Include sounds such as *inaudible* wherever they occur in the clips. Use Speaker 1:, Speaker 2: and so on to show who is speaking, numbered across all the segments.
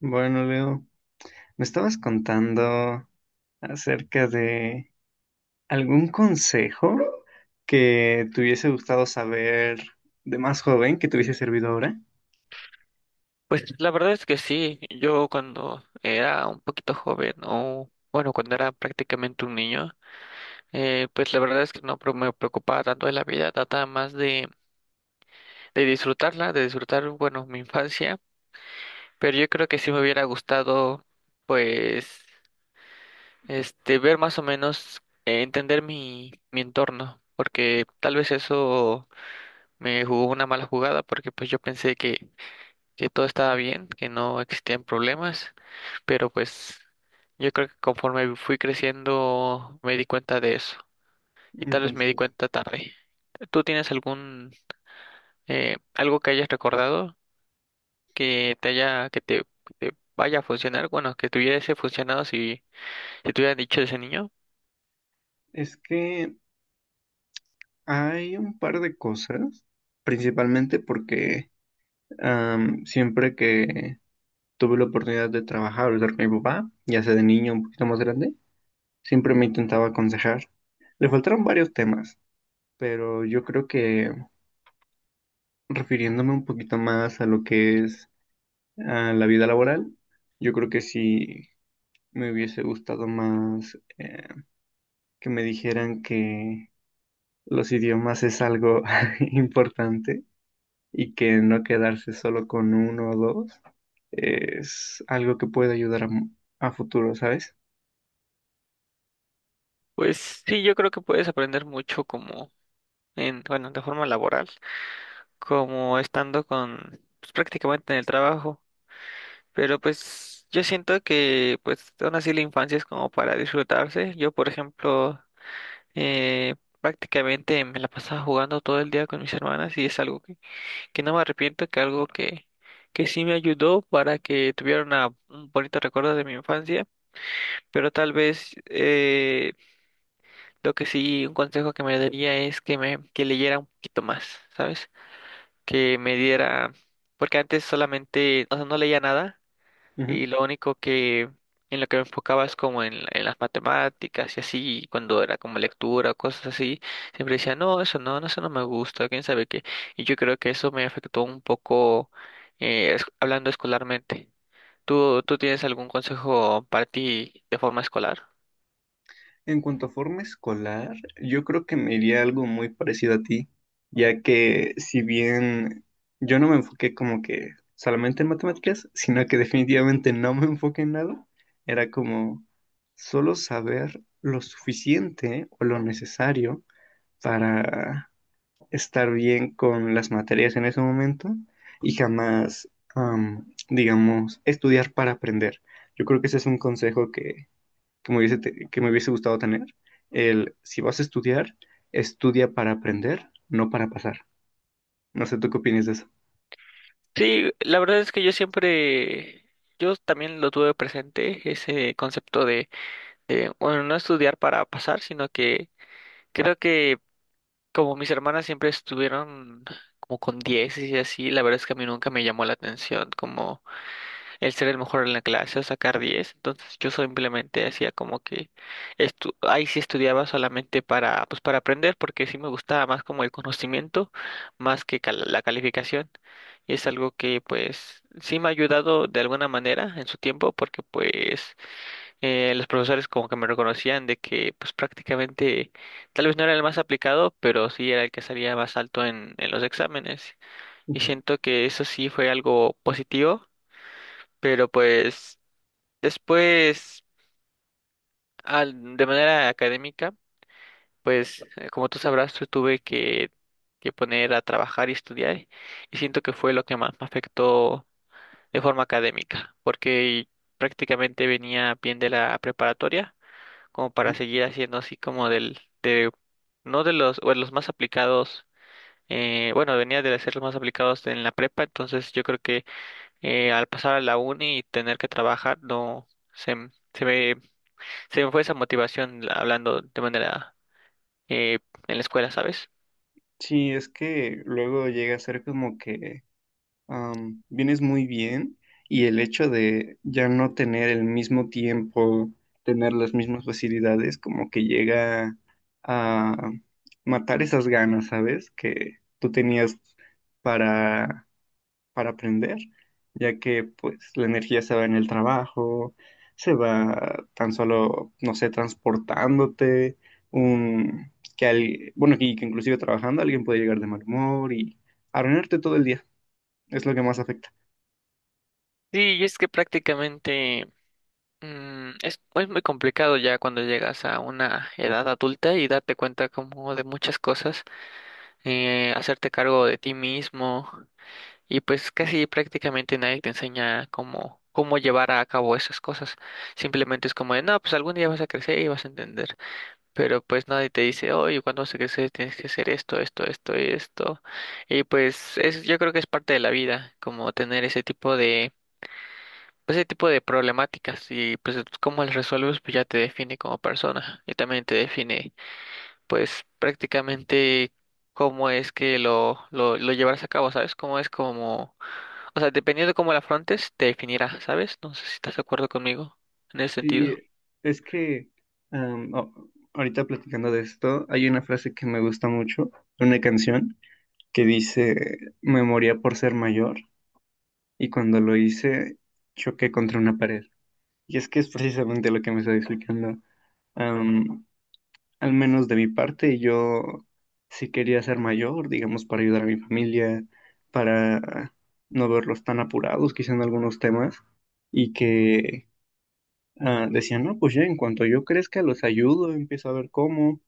Speaker 1: Bueno, Leo, me estabas contando acerca de algún consejo que te hubiese gustado saber de más joven, que te hubiese servido ahora.
Speaker 2: Pues la verdad es que sí, yo cuando era un poquito joven o bueno, cuando era prácticamente un niño, pues la verdad es que no pre- me preocupaba tanto de la vida, trataba más de disfrutarla, de disfrutar, bueno, mi infancia, pero yo creo que sí me hubiera gustado, pues, ver más o menos, entender mi entorno, porque tal vez eso me jugó una mala jugada, porque pues yo pensé que todo estaba bien, que no existían problemas, pero pues yo creo que conforme fui creciendo me di cuenta de eso y tal vez me di
Speaker 1: Entonces,
Speaker 2: cuenta tarde. ¿Tú tienes algún algo que hayas recordado que te vaya a funcionar? Bueno, que te hubiese funcionado si, si te hubieran dicho ese niño.
Speaker 1: es que hay un par de cosas, principalmente porque siempre que tuve la oportunidad de trabajar o estar con mi papá, ya sea de niño un poquito más grande, siempre me intentaba aconsejar. Le faltaron varios temas, pero yo creo que refiriéndome un poquito más a lo que es la vida laboral, yo creo que sí me hubiese gustado más que me dijeran que los idiomas es algo *laughs* importante y que no quedarse solo con uno o dos es algo que puede ayudar a, a futuro, ¿sabes?
Speaker 2: Pues sí, yo creo que puedes aprender mucho como bueno, de forma laboral, como estando con pues, prácticamente en el trabajo. Pero pues yo siento que pues aún así la infancia es como para disfrutarse. Yo, por ejemplo, eh, prácticamente me la pasaba jugando todo el día con mis hermanas y es algo que no me arrepiento, que sí me ayudó para que tuviera un bonito recuerdo de mi infancia. Pero tal vez lo que sí, un consejo que me daría es que leyera un poquito más, ¿sabes? Que me diera, porque antes solamente, o sea, no leía nada. Y lo único que en lo que me enfocaba es como en las matemáticas y así, y cuando era como lectura o cosas así, siempre decía, no, eso no, eso no me gusta, quién sabe qué. Y yo creo que eso me afectó un poco, hablando escolarmente. Tú tienes algún consejo para ti de forma escolar?
Speaker 1: En cuanto a forma escolar, yo creo que me iría algo muy parecido a ti, ya que si bien yo no me enfoqué como que solamente en matemáticas, sino que definitivamente no me enfoqué en nada, era como solo saber lo suficiente o lo necesario para estar bien con las materias en ese momento y jamás, digamos, estudiar para aprender. Yo creo que ese es un consejo que me hubiese, que me hubiese gustado tener, el si vas a estudiar, estudia para aprender, no para pasar. No sé, ¿tú qué opinas de eso?
Speaker 2: Sí, la verdad es que yo siempre, yo también lo tuve presente, ese concepto de, bueno, no estudiar para pasar, sino que creo que como mis hermanas siempre estuvieron como con 10 y así, la verdad es que a mí nunca me llamó la atención como el ser el mejor en la clase o sacar 10. Entonces yo simplemente hacía como que ahí sí estudiaba solamente para pues para aprender porque sí me gustaba más como el conocimiento más que la calificación y es algo que pues sí me ha ayudado de alguna manera en su tiempo porque pues los profesores como que me reconocían de que pues prácticamente tal vez no era el más aplicado, pero sí era el que salía más alto en los exámenes. Y
Speaker 1: Ujú.
Speaker 2: siento que eso sí fue algo positivo, pero pues después, de manera académica, pues como tú sabrás, yo tuve que poner a trabajar y estudiar y siento que fue lo que más me afectó de forma académica, porque prácticamente venía bien de la preparatoria como para seguir haciendo así como no de los, o de los más aplicados, bueno, venía de ser los más aplicados en la prepa, entonces yo creo que al pasar a la uni y tener que trabajar, no, se, m- se me, se me fue esa motivación, hablando de manera eh, en la escuela, ¿sabes?
Speaker 1: Sí, es que luego llega a ser como que vienes muy bien y el hecho de ya no tener el mismo tiempo, tener las mismas facilidades, como que llega a matar esas ganas, ¿sabes? Que tú tenías para para aprender, ya que pues la energía se va en el trabajo, se va tan solo, no sé, transportándote, bueno, y que inclusive trabajando alguien puede llegar de mal humor y arruinarte todo el día, es lo que más afecta.
Speaker 2: Sí, y es que prácticamente es muy complicado ya cuando llegas a una edad adulta y darte cuenta como de muchas cosas, hacerte cargo de ti mismo. Y pues casi prácticamente nadie te enseña cómo, cómo llevar a cabo esas cosas. Simplemente es como de, no, pues algún día vas a crecer y vas a entender. Pero pues nadie te dice, oye, cuando vas a crecer tienes que hacer esto, esto, esto y esto. Y pues es, yo creo que es parte de la vida, como tener ese tipo de, pues, ese tipo de problemáticas. Y pues cómo las resuelves, pues ya te define como persona y también te define pues prácticamente cómo es que lo llevarás a cabo, ¿sabes? Cómo es como, o sea, dependiendo de cómo la afrontes, te definirá, ¿sabes? No sé si estás de acuerdo conmigo en ese
Speaker 1: Y
Speaker 2: sentido.
Speaker 1: es que am, o- ahorita platicando de esto, hay una frase que me gusta mucho, de una canción que dice, me moría por ser mayor y cuando lo hice choqué contra una pared. Y es que es precisamente lo que me está explicando. Am, Al menos de mi parte, yo sí quería ser mayor, digamos, para ayudar a mi familia, para no verlos tan apurados, quizá en algunos temas, y que decían, no, pues ya en cuanto yo crezca, los ayudo, empiezo a ver cómo,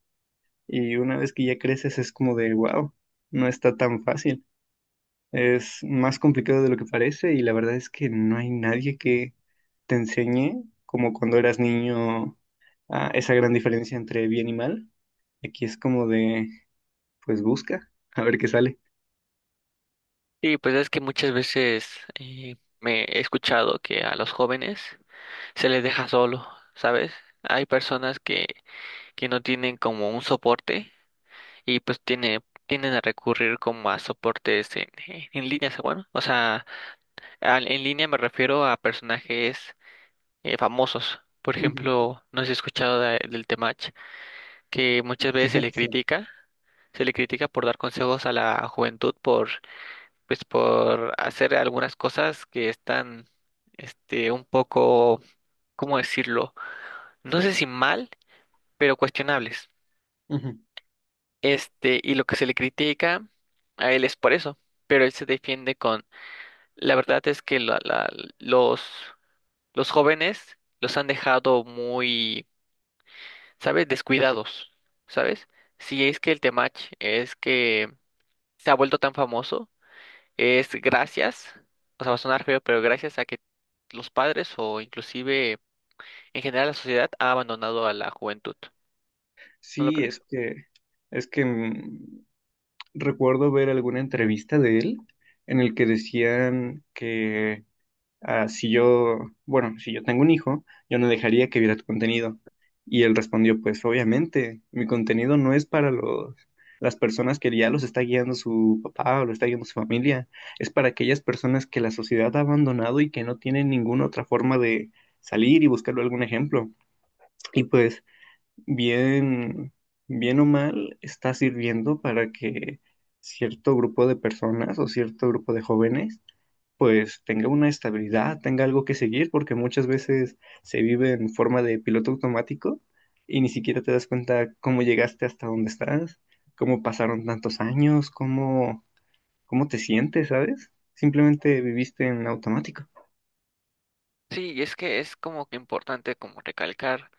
Speaker 1: y una vez que ya creces es como de, wow, no está tan fácil. Es más complicado de lo que parece, y la verdad es que no hay nadie que te enseñe como cuando eras niño esa gran diferencia entre bien y mal. Aquí es como de, pues busca, a ver qué sale.
Speaker 2: Y pues es que muchas veces me he escuchado que a los jóvenes se les deja solo, ¿sabes? Hay personas que no tienen como un soporte y pues tienden a recurrir como a soportes en líneas, bueno, o sea, en línea me refiero a personajes famosos. Por
Speaker 1: Ujú.
Speaker 2: ejemplo, no sé si has escuchado del Temach, que muchas veces
Speaker 1: *laughs* Sí.
Speaker 2: se le critica por dar consejos a la juventud, por, pues, por hacer algunas cosas que están, un poco, ¿cómo decirlo? No sé si mal, pero cuestionables.
Speaker 1: Ujú.
Speaker 2: Y lo que se le critica a él es por eso, pero él se defiende con, la verdad es que los, los jóvenes los han dejado muy, ¿sabes? Descuidados, ¿sabes? Si es que el Temach es que se ha vuelto tan famoso, es gracias, o sea, va a sonar feo, pero gracias a que los padres o inclusive en general la sociedad ha abandonado a la juventud, ¿no lo
Speaker 1: Sí,
Speaker 2: crees?
Speaker 1: es que mm, recuerdo ver alguna entrevista de él en el que decían que si yo, bueno, si yo tengo un hijo, yo no dejaría que viera tu contenido. Y él respondió, pues obviamente, mi contenido no es para los, las personas que ya los está guiando su papá o lo está guiando su familia, es para aquellas personas que la sociedad ha abandonado y que no tienen ninguna otra forma de salir y buscarle algún ejemplo. Y pues, bien, bien o mal, está sirviendo para que cierto grupo de personas o cierto grupo de jóvenes pues tenga una estabilidad, tenga algo que seguir, porque muchas veces se vive en forma de piloto automático y ni siquiera te das cuenta cómo llegaste hasta donde estás, cómo pasaron tantos años, cómo, cómo te sientes, ¿sabes? Simplemente viviste en automático.
Speaker 2: Sí, y es que es como que importante como recalcar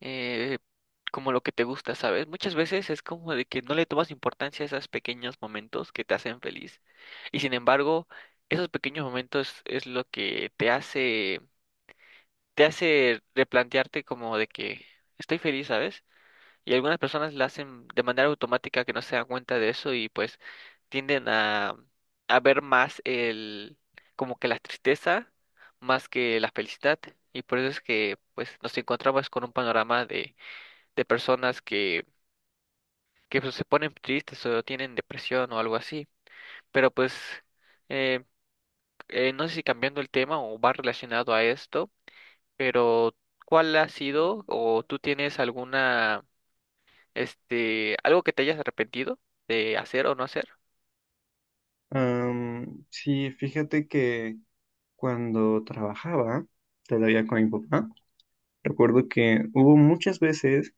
Speaker 2: eh, como lo que te gusta, ¿sabes? Muchas veces es como de que no le tomas importancia a esos pequeños momentos que te hacen feliz. Y sin embargo, esos pequeños momentos es lo que te hace replantearte como de que estoy feliz, ¿sabes? Y algunas personas la hacen de manera automática que no se dan cuenta de eso y pues tienden a ver más el, como que la tristeza más que la felicidad. Y por eso es que pues nos encontramos con un panorama de personas que pues, se ponen tristes o tienen depresión o algo así. Pero pues eh, no sé si cambiando el tema o va relacionado a esto. Pero, ¿cuál ha sido o tú tienes alguna, algo que te hayas arrepentido de hacer o no hacer?
Speaker 1: Sí, fíjate que cuando trabajaba todavía con mi papá, recuerdo que hubo muchas veces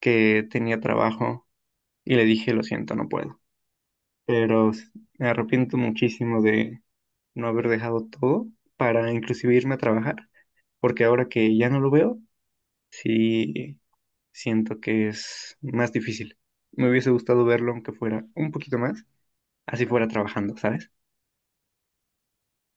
Speaker 1: que tenía trabajo y le dije, lo siento, no puedo. pero s- Me arrepiento muchísimo de no haber dejado todo para inclusive irme a trabajar, porque ahora que ya no lo veo, sí siento que es más difícil. Me hubiese gustado verlo aunque fuera un poquito más, así fuera trabajando, ¿sabes?